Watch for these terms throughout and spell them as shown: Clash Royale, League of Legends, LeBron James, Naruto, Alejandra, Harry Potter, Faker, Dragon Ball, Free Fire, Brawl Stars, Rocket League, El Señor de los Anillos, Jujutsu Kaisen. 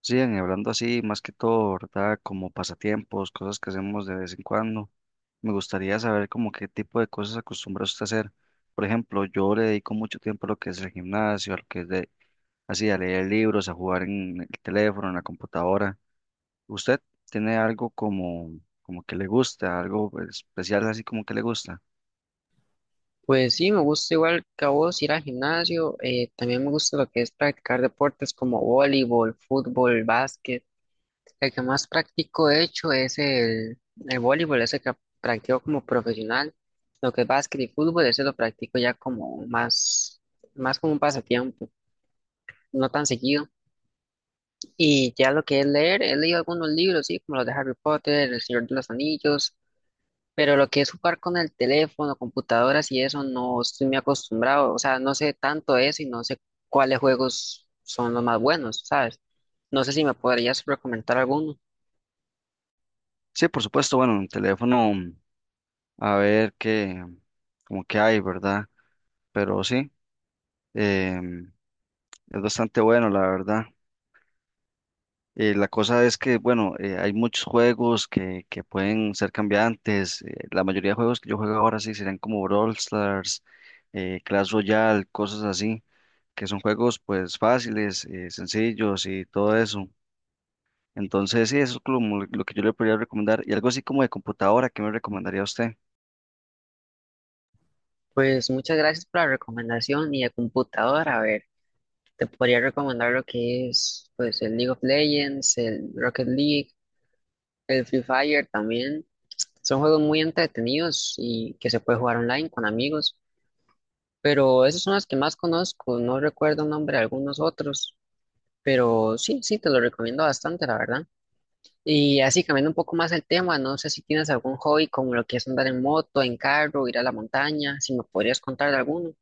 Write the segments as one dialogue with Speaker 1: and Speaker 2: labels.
Speaker 1: Sí, hablando así, más que todo, ¿verdad? Como pasatiempos, cosas que hacemos de vez en cuando. Me gustaría saber como qué tipo de cosas acostumbra usted a hacer. Por ejemplo, yo le dedico mucho tiempo a lo que es el gimnasio, a lo que es de, así, a leer libros, a jugar en el teléfono, en la computadora. ¿Usted tiene algo como, como que le gusta, algo especial así como que le gusta?
Speaker 2: Pues sí, me gusta igual que a vos ir al gimnasio. También me gusta lo que es practicar deportes como voleibol, fútbol, básquet. El que más practico, de hecho, es el voleibol, ese que practico como profesional. Lo que es básquet y fútbol, ese lo practico ya como más como un pasatiempo, no tan seguido. Y ya lo que es leer, he leído algunos libros, sí, como los de Harry Potter, El Señor de los Anillos. Pero lo que es jugar con el teléfono, computadoras y eso, no estoy muy acostumbrado. O sea, no sé tanto de eso y no sé cuáles juegos son los más buenos, ¿sabes? No sé si me podrías recomendar alguno.
Speaker 1: Sí, por supuesto, bueno, en el teléfono, a ver qué, como que hay, ¿verdad? Pero sí, em, es bastante bueno, la verdad. La cosa es que, bueno, hay muchos juegos que pueden ser cambiantes. La mayoría de juegos que yo juego ahora sí serán como Brawl Stars, Clash Royale, cosas así, que son juegos pues fáciles, sencillos y todo eso. Entonces, sí, eso es como lo que yo le podría recomendar. Y algo así como de computadora, ¿qué me recomendaría a usted?
Speaker 2: Pues muchas gracias por la recomendación y de computadora. A ver, te podría recomendar lo que es, pues, el League of Legends, el Rocket League, el Free Fire también. Son juegos muy entretenidos y que se puede jugar online con amigos. Pero esos son los que más conozco. No recuerdo el nombre de algunos otros. Pero sí, te lo recomiendo bastante, la verdad. Y así, cambiando un poco más el tema, no sé si tienes algún hobby como lo que es andar en moto, en carro, ir a la montaña, si me podrías contar de alguno.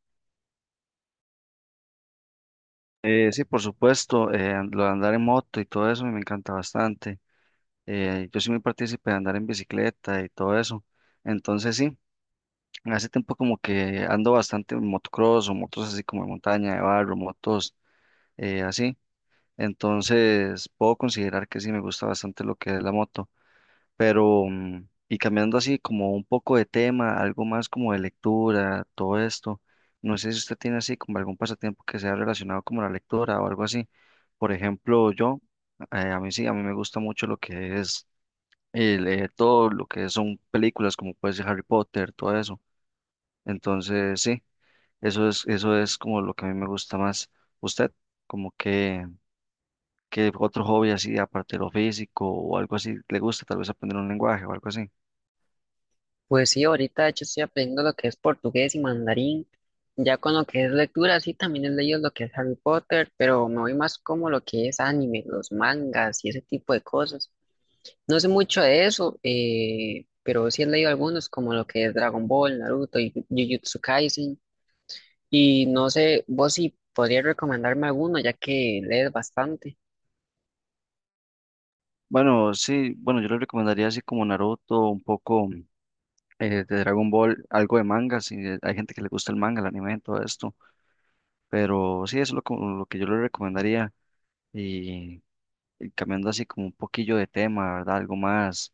Speaker 1: Sí, por supuesto, lo de andar en moto y todo eso me encanta bastante. Yo soy muy partícipe de andar en bicicleta y todo eso. Entonces, sí. Hace tiempo como que ando bastante en motocross o motos así como de montaña, de barro, motos así. Entonces puedo considerar que sí me gusta bastante lo que es la moto. Pero, mm, y cambiando así como un poco de tema, algo más como de lectura, todo esto. No sé si usted tiene así como algún pasatiempo que sea relacionado como la lectura o algo así. Por ejemplo, yo, a mí sí, a mí me gusta mucho lo que es leer todo lo que son películas como puede ser Harry Potter, todo eso. Entonces, sí. Eso es como lo que a mí me gusta más. ¿Usted? Como que otro hobby así, aparte de lo físico o algo así, le gusta tal vez aprender un lenguaje o algo así.
Speaker 2: Pues sí, ahorita de hecho estoy aprendiendo lo que es portugués y mandarín. Ya con lo que es lectura, sí, también he leído lo que es Harry Potter, pero me voy más como lo que es anime, los mangas y ese tipo de cosas. No sé mucho de eso, pero sí he leído algunos como lo que es Dragon Ball, Naruto y Jujutsu Kaisen. Y no sé, vos si podrías recomendarme alguno, ya que lees bastante.
Speaker 1: Bueno, sí, bueno, yo le recomendaría así como Naruto, un poco de Dragon Ball, algo de manga, si hay gente que le gusta el manga, el anime, todo esto. Pero sí, eso es lo, como lo que yo le recomendaría. Y, y cambiando así como un poquillo de tema, ¿verdad? Algo más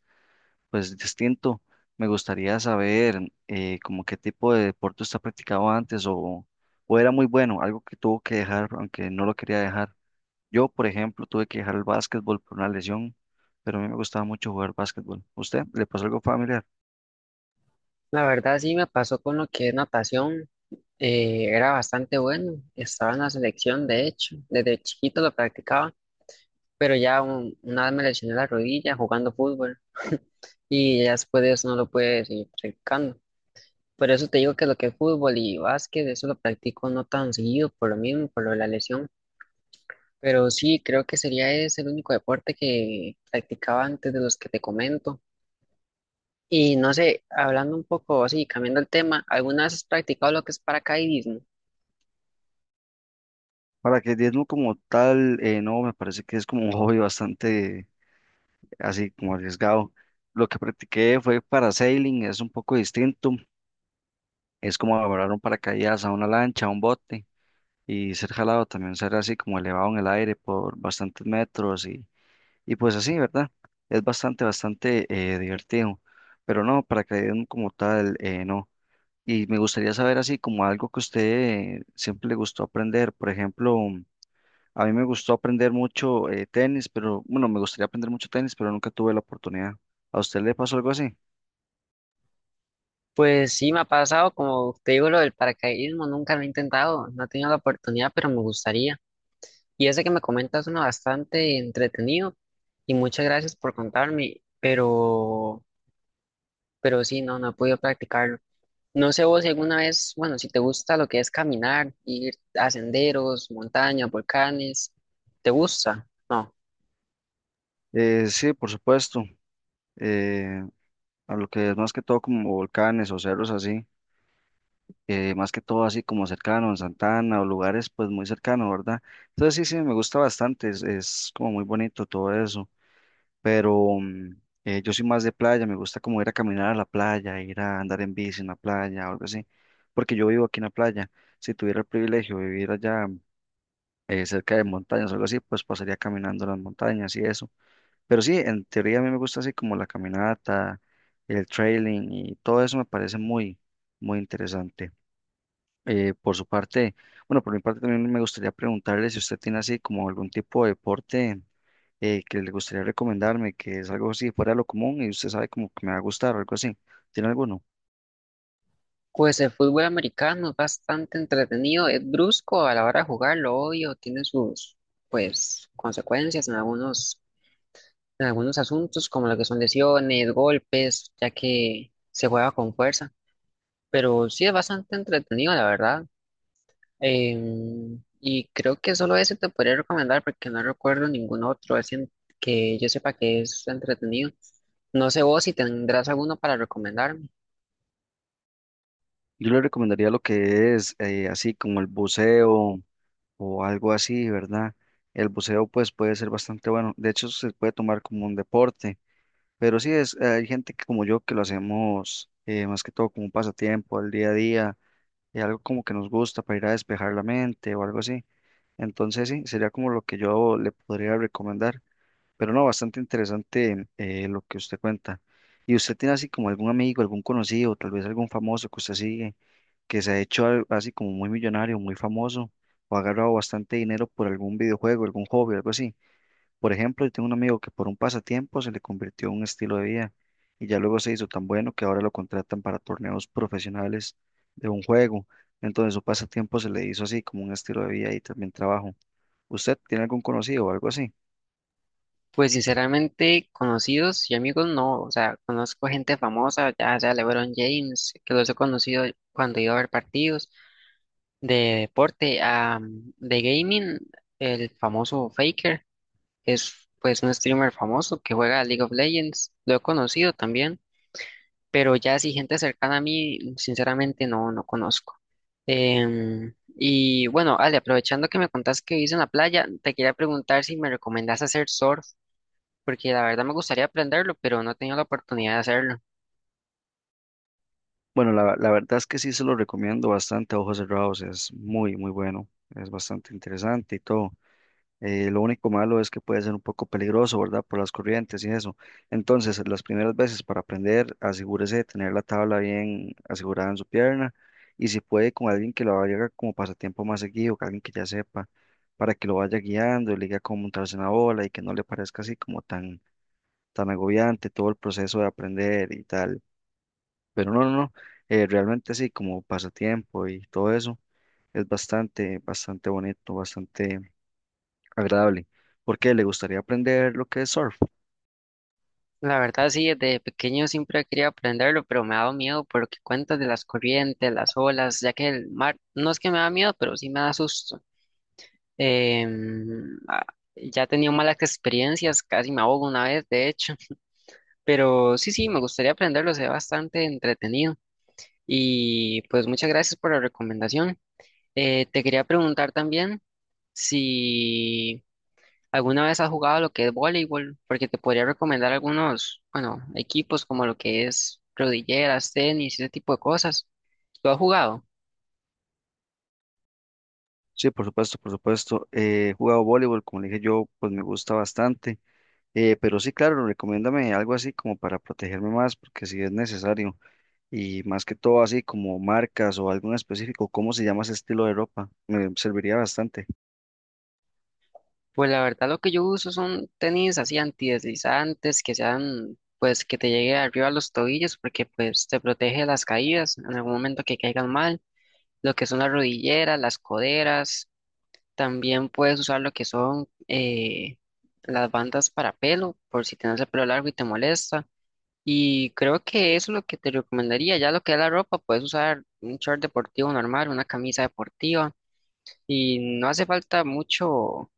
Speaker 1: pues distinto. Me gustaría saber como qué tipo de deporte usted ha practicado antes o era muy bueno, algo que tuvo que dejar, aunque no lo quería dejar. Yo, por ejemplo, tuve que dejar el básquetbol por una lesión, pero a mí me gustaba mucho jugar básquetbol. ¿Usted le pasó algo familiar?
Speaker 2: La verdad sí me pasó con lo que es natación. Era bastante bueno. Estaba en la selección, de hecho. Desde chiquito lo practicaba, pero ya una vez me lesioné la rodilla jugando fútbol. Y ya después de eso no lo pude seguir practicando. Por eso te digo que lo que es fútbol y básquet, eso lo practico no tan seguido, por lo mismo, por lo de la lesión. Pero sí, creo que sería ese el único deporte que practicaba antes de los que te comento. Y no sé, hablando un poco así, cambiando el tema, ¿alguna vez has practicado lo que es paracaidismo?
Speaker 1: Para que diezmo como tal, no, me parece que es como un hobby bastante así como arriesgado. Lo que practiqué fue parasailing, es un poco distinto, es como agarrar un paracaídas a una lancha, a un bote. Y ser jalado también, ser así como elevado en el aire por bastantes metros y pues así, ¿verdad? Es bastante, bastante divertido, pero no, paracaidismo como tal, no. Y me gustaría saber así como algo que a usted siempre le gustó aprender, por ejemplo, a mí me gustó aprender mucho tenis, pero bueno, me gustaría aprender mucho tenis, pero nunca tuve la oportunidad. ¿A usted le pasó algo así?
Speaker 2: Pues sí, me ha pasado, como te digo, lo del paracaidismo, nunca lo he intentado, no he tenido la oportunidad, pero me gustaría. Y ese que me comentas suena bastante entretenido y muchas gracias por contarme, pero sí, no, no he podido practicarlo. No sé vos si alguna vez, bueno, si te gusta lo que es caminar, ir a senderos, montañas, volcanes, ¿te gusta? No.
Speaker 1: Sí, por supuesto. eh, a lo que es más que todo como volcanes o cerros así. Más que todo así como cercano, en Santana o lugares pues muy cercanos, ¿verdad? Entonces sí, sí, me gusta bastante, es como muy bonito todo eso, pero mm, yo soy más de playa, me gusta como ir a caminar a la playa, ir a andar en bici en la playa o algo así, porque yo vivo aquí en la playa, si tuviera el privilegio de vivir allá cerca de montañas o algo así, pues pasaría caminando las montañas y eso, pero sí, en teoría a mí me gusta así como la caminata, el trailing y todo eso me parece muy, muy interesante. Por su parte, bueno, por mi parte también me gustaría preguntarle si usted tiene así como algún tipo de deporte que le gustaría recomendarme, que es algo así fuera de lo común y usted sabe como que me va a gustar o algo así. ¿Tiene alguno?
Speaker 2: Pues el fútbol americano es bastante entretenido, es brusco a la hora de jugarlo, obvio, tiene sus pues consecuencias en en algunos asuntos, como lo que son lesiones, golpes, ya que se juega con fuerza. Pero sí es bastante entretenido, la verdad. Y creo que solo ese te podría recomendar, porque no recuerdo ningún otro, que yo sepa que es entretenido. No sé vos si tendrás alguno para recomendar.
Speaker 1: Yo le recomendaría lo que es así como el buceo o algo así, ¿verdad? El buceo pues puede ser bastante bueno. De hecho, se puede tomar como un deporte, pero sí es, hay gente que como yo que lo hacemos más que todo como un pasatiempo, el día a día y algo como que nos gusta para ir a despejar la mente o algo así. Entonces sí, sería como lo que yo le podría recomendar. Pero no, bastante interesante lo que usted cuenta. ¿Y usted tiene así como algún amigo, algún conocido, tal vez algún famoso que usted sigue, que se ha hecho así como muy millonario, muy famoso, o ha agarrado bastante dinero por algún videojuego, algún hobby, algo así? Por ejemplo, yo tengo un amigo que por un pasatiempo se le convirtió en un estilo de vida y ya luego se hizo tan bueno que ahora lo contratan para torneos profesionales de un juego. Entonces su pasatiempo se le hizo así como un estilo de vida y también trabajo. ¿Usted tiene algún conocido o algo así?
Speaker 2: Pues sinceramente, conocidos y amigos no, o sea, conozco gente famosa, ya sea LeBron James, que los he conocido cuando iba a ver partidos de deporte, de gaming, el famoso Faker, es pues un streamer famoso que juega League of Legends, lo he conocido también, pero ya si gente cercana a mí, sinceramente no conozco. Y bueno, Ale, aprovechando que me contás que vivís en la playa, te quería preguntar si me recomendás hacer surf porque la verdad me gustaría aprenderlo, pero no he tenido la oportunidad de hacerlo.
Speaker 1: Bueno, la verdad es que sí se lo recomiendo bastante a ojos cerrados, es muy, muy bueno, es bastante interesante y todo. Lo único malo es que puede ser un poco peligroso, ¿verdad? Por las corrientes y eso. Entonces, las primeras veces para aprender, asegúrese de tener la tabla bien asegurada en su pierna y si puede con alguien que lo haga como pasatiempo más seguido, que alguien que ya sepa, para que lo vaya guiando, le diga cómo montarse en la ola y que no le parezca así como tan, tan agobiante todo el proceso de aprender y tal. Pero no, no, no, realmente sí, como pasatiempo y todo eso, es bastante, bastante bonito, bastante agradable. ¿Por qué? ¿Le gustaría aprender lo que es surf?
Speaker 2: La verdad sí, desde pequeño siempre quería aprenderlo, pero me ha dado miedo por lo que cuentas de las corrientes, las olas, ya que el mar no es que me da miedo, pero sí me da susto. Em, ah, ya he tenido malas experiencias, casi me ahogo una vez, de hecho, pero sí, me gustaría aprenderlo, se ve bastante entretenido. Y pues muchas gracias por la recomendación. Te quería preguntar también si... ¿Alguna vez has jugado lo que es voleibol? Porque te podría recomendar algunos, bueno, equipos como lo que es rodilleras, tenis, ese tipo de cosas. ¿Lo has jugado?
Speaker 1: Sí, por supuesto, por supuesto. He jugado voleibol, como le dije yo, pues me gusta bastante. Pero sí, claro, recomiéndame algo así como para protegerme más, porque si es necesario. Y más que todo así como marcas o algo en específico, ¿cómo se llama ese estilo de ropa? Me serviría bastante.
Speaker 2: Pues la verdad lo que yo uso son tenis así antideslizantes, que sean, pues que te llegue arriba a los tobillos, porque pues te protege de las caídas en algún momento que caigan mal. Lo que son las rodilleras, las coderas. También puedes usar lo que son las bandas para pelo, por si tienes el pelo largo y te molesta. Y creo que eso es lo que te recomendaría. Ya lo que es la ropa, puedes usar un short deportivo normal, una camisa deportiva. Y no hace falta mucho,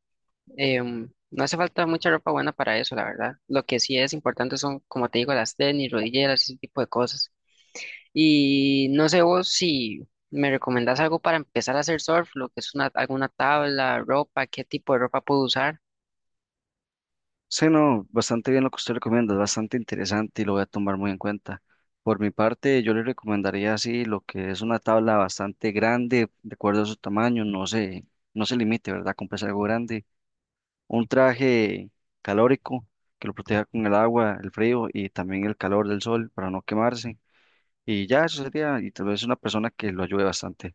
Speaker 2: no hace falta mucha ropa buena para eso, la verdad. Lo que sí es importante son, como te digo, las tenis, rodilleras, ese tipo de cosas. Y no sé vos si me recomendás algo para empezar a hacer surf, lo que es alguna tabla, ropa, qué tipo de ropa puedo usar.
Speaker 1: Sí, no, bastante bien lo que usted recomienda, es bastante interesante y lo voy a tomar muy en cuenta. Por mi parte, yo le recomendaría así lo que es una tabla bastante grande, de acuerdo a su tamaño, no se, no se limite, ¿verdad? Comprese algo grande, un traje calórico que lo proteja con el agua, el frío y también el calor del sol para no quemarse. Y ya eso sería, y tal vez una persona que lo ayude bastante.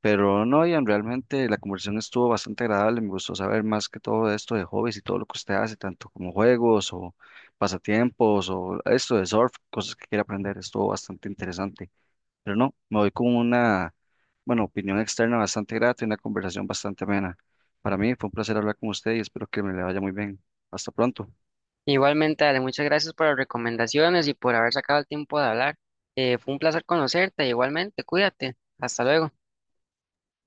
Speaker 1: Pero no, Ian, realmente la conversación estuvo bastante agradable. Me gustó saber más que todo de esto de hobbies y todo lo que usted hace, tanto como juegos o pasatiempos o esto de surf, cosas que quiere aprender. Estuvo bastante interesante. Pero no, me voy con una, bueno, opinión externa bastante grata y una conversación bastante amena. Para mí fue un placer hablar con usted y espero que me le vaya muy bien. Hasta pronto.
Speaker 2: Igualmente, Ale, muchas gracias por las recomendaciones y por haber sacado el tiempo de hablar. Fue un placer conocerte, igualmente, cuídate. Hasta luego.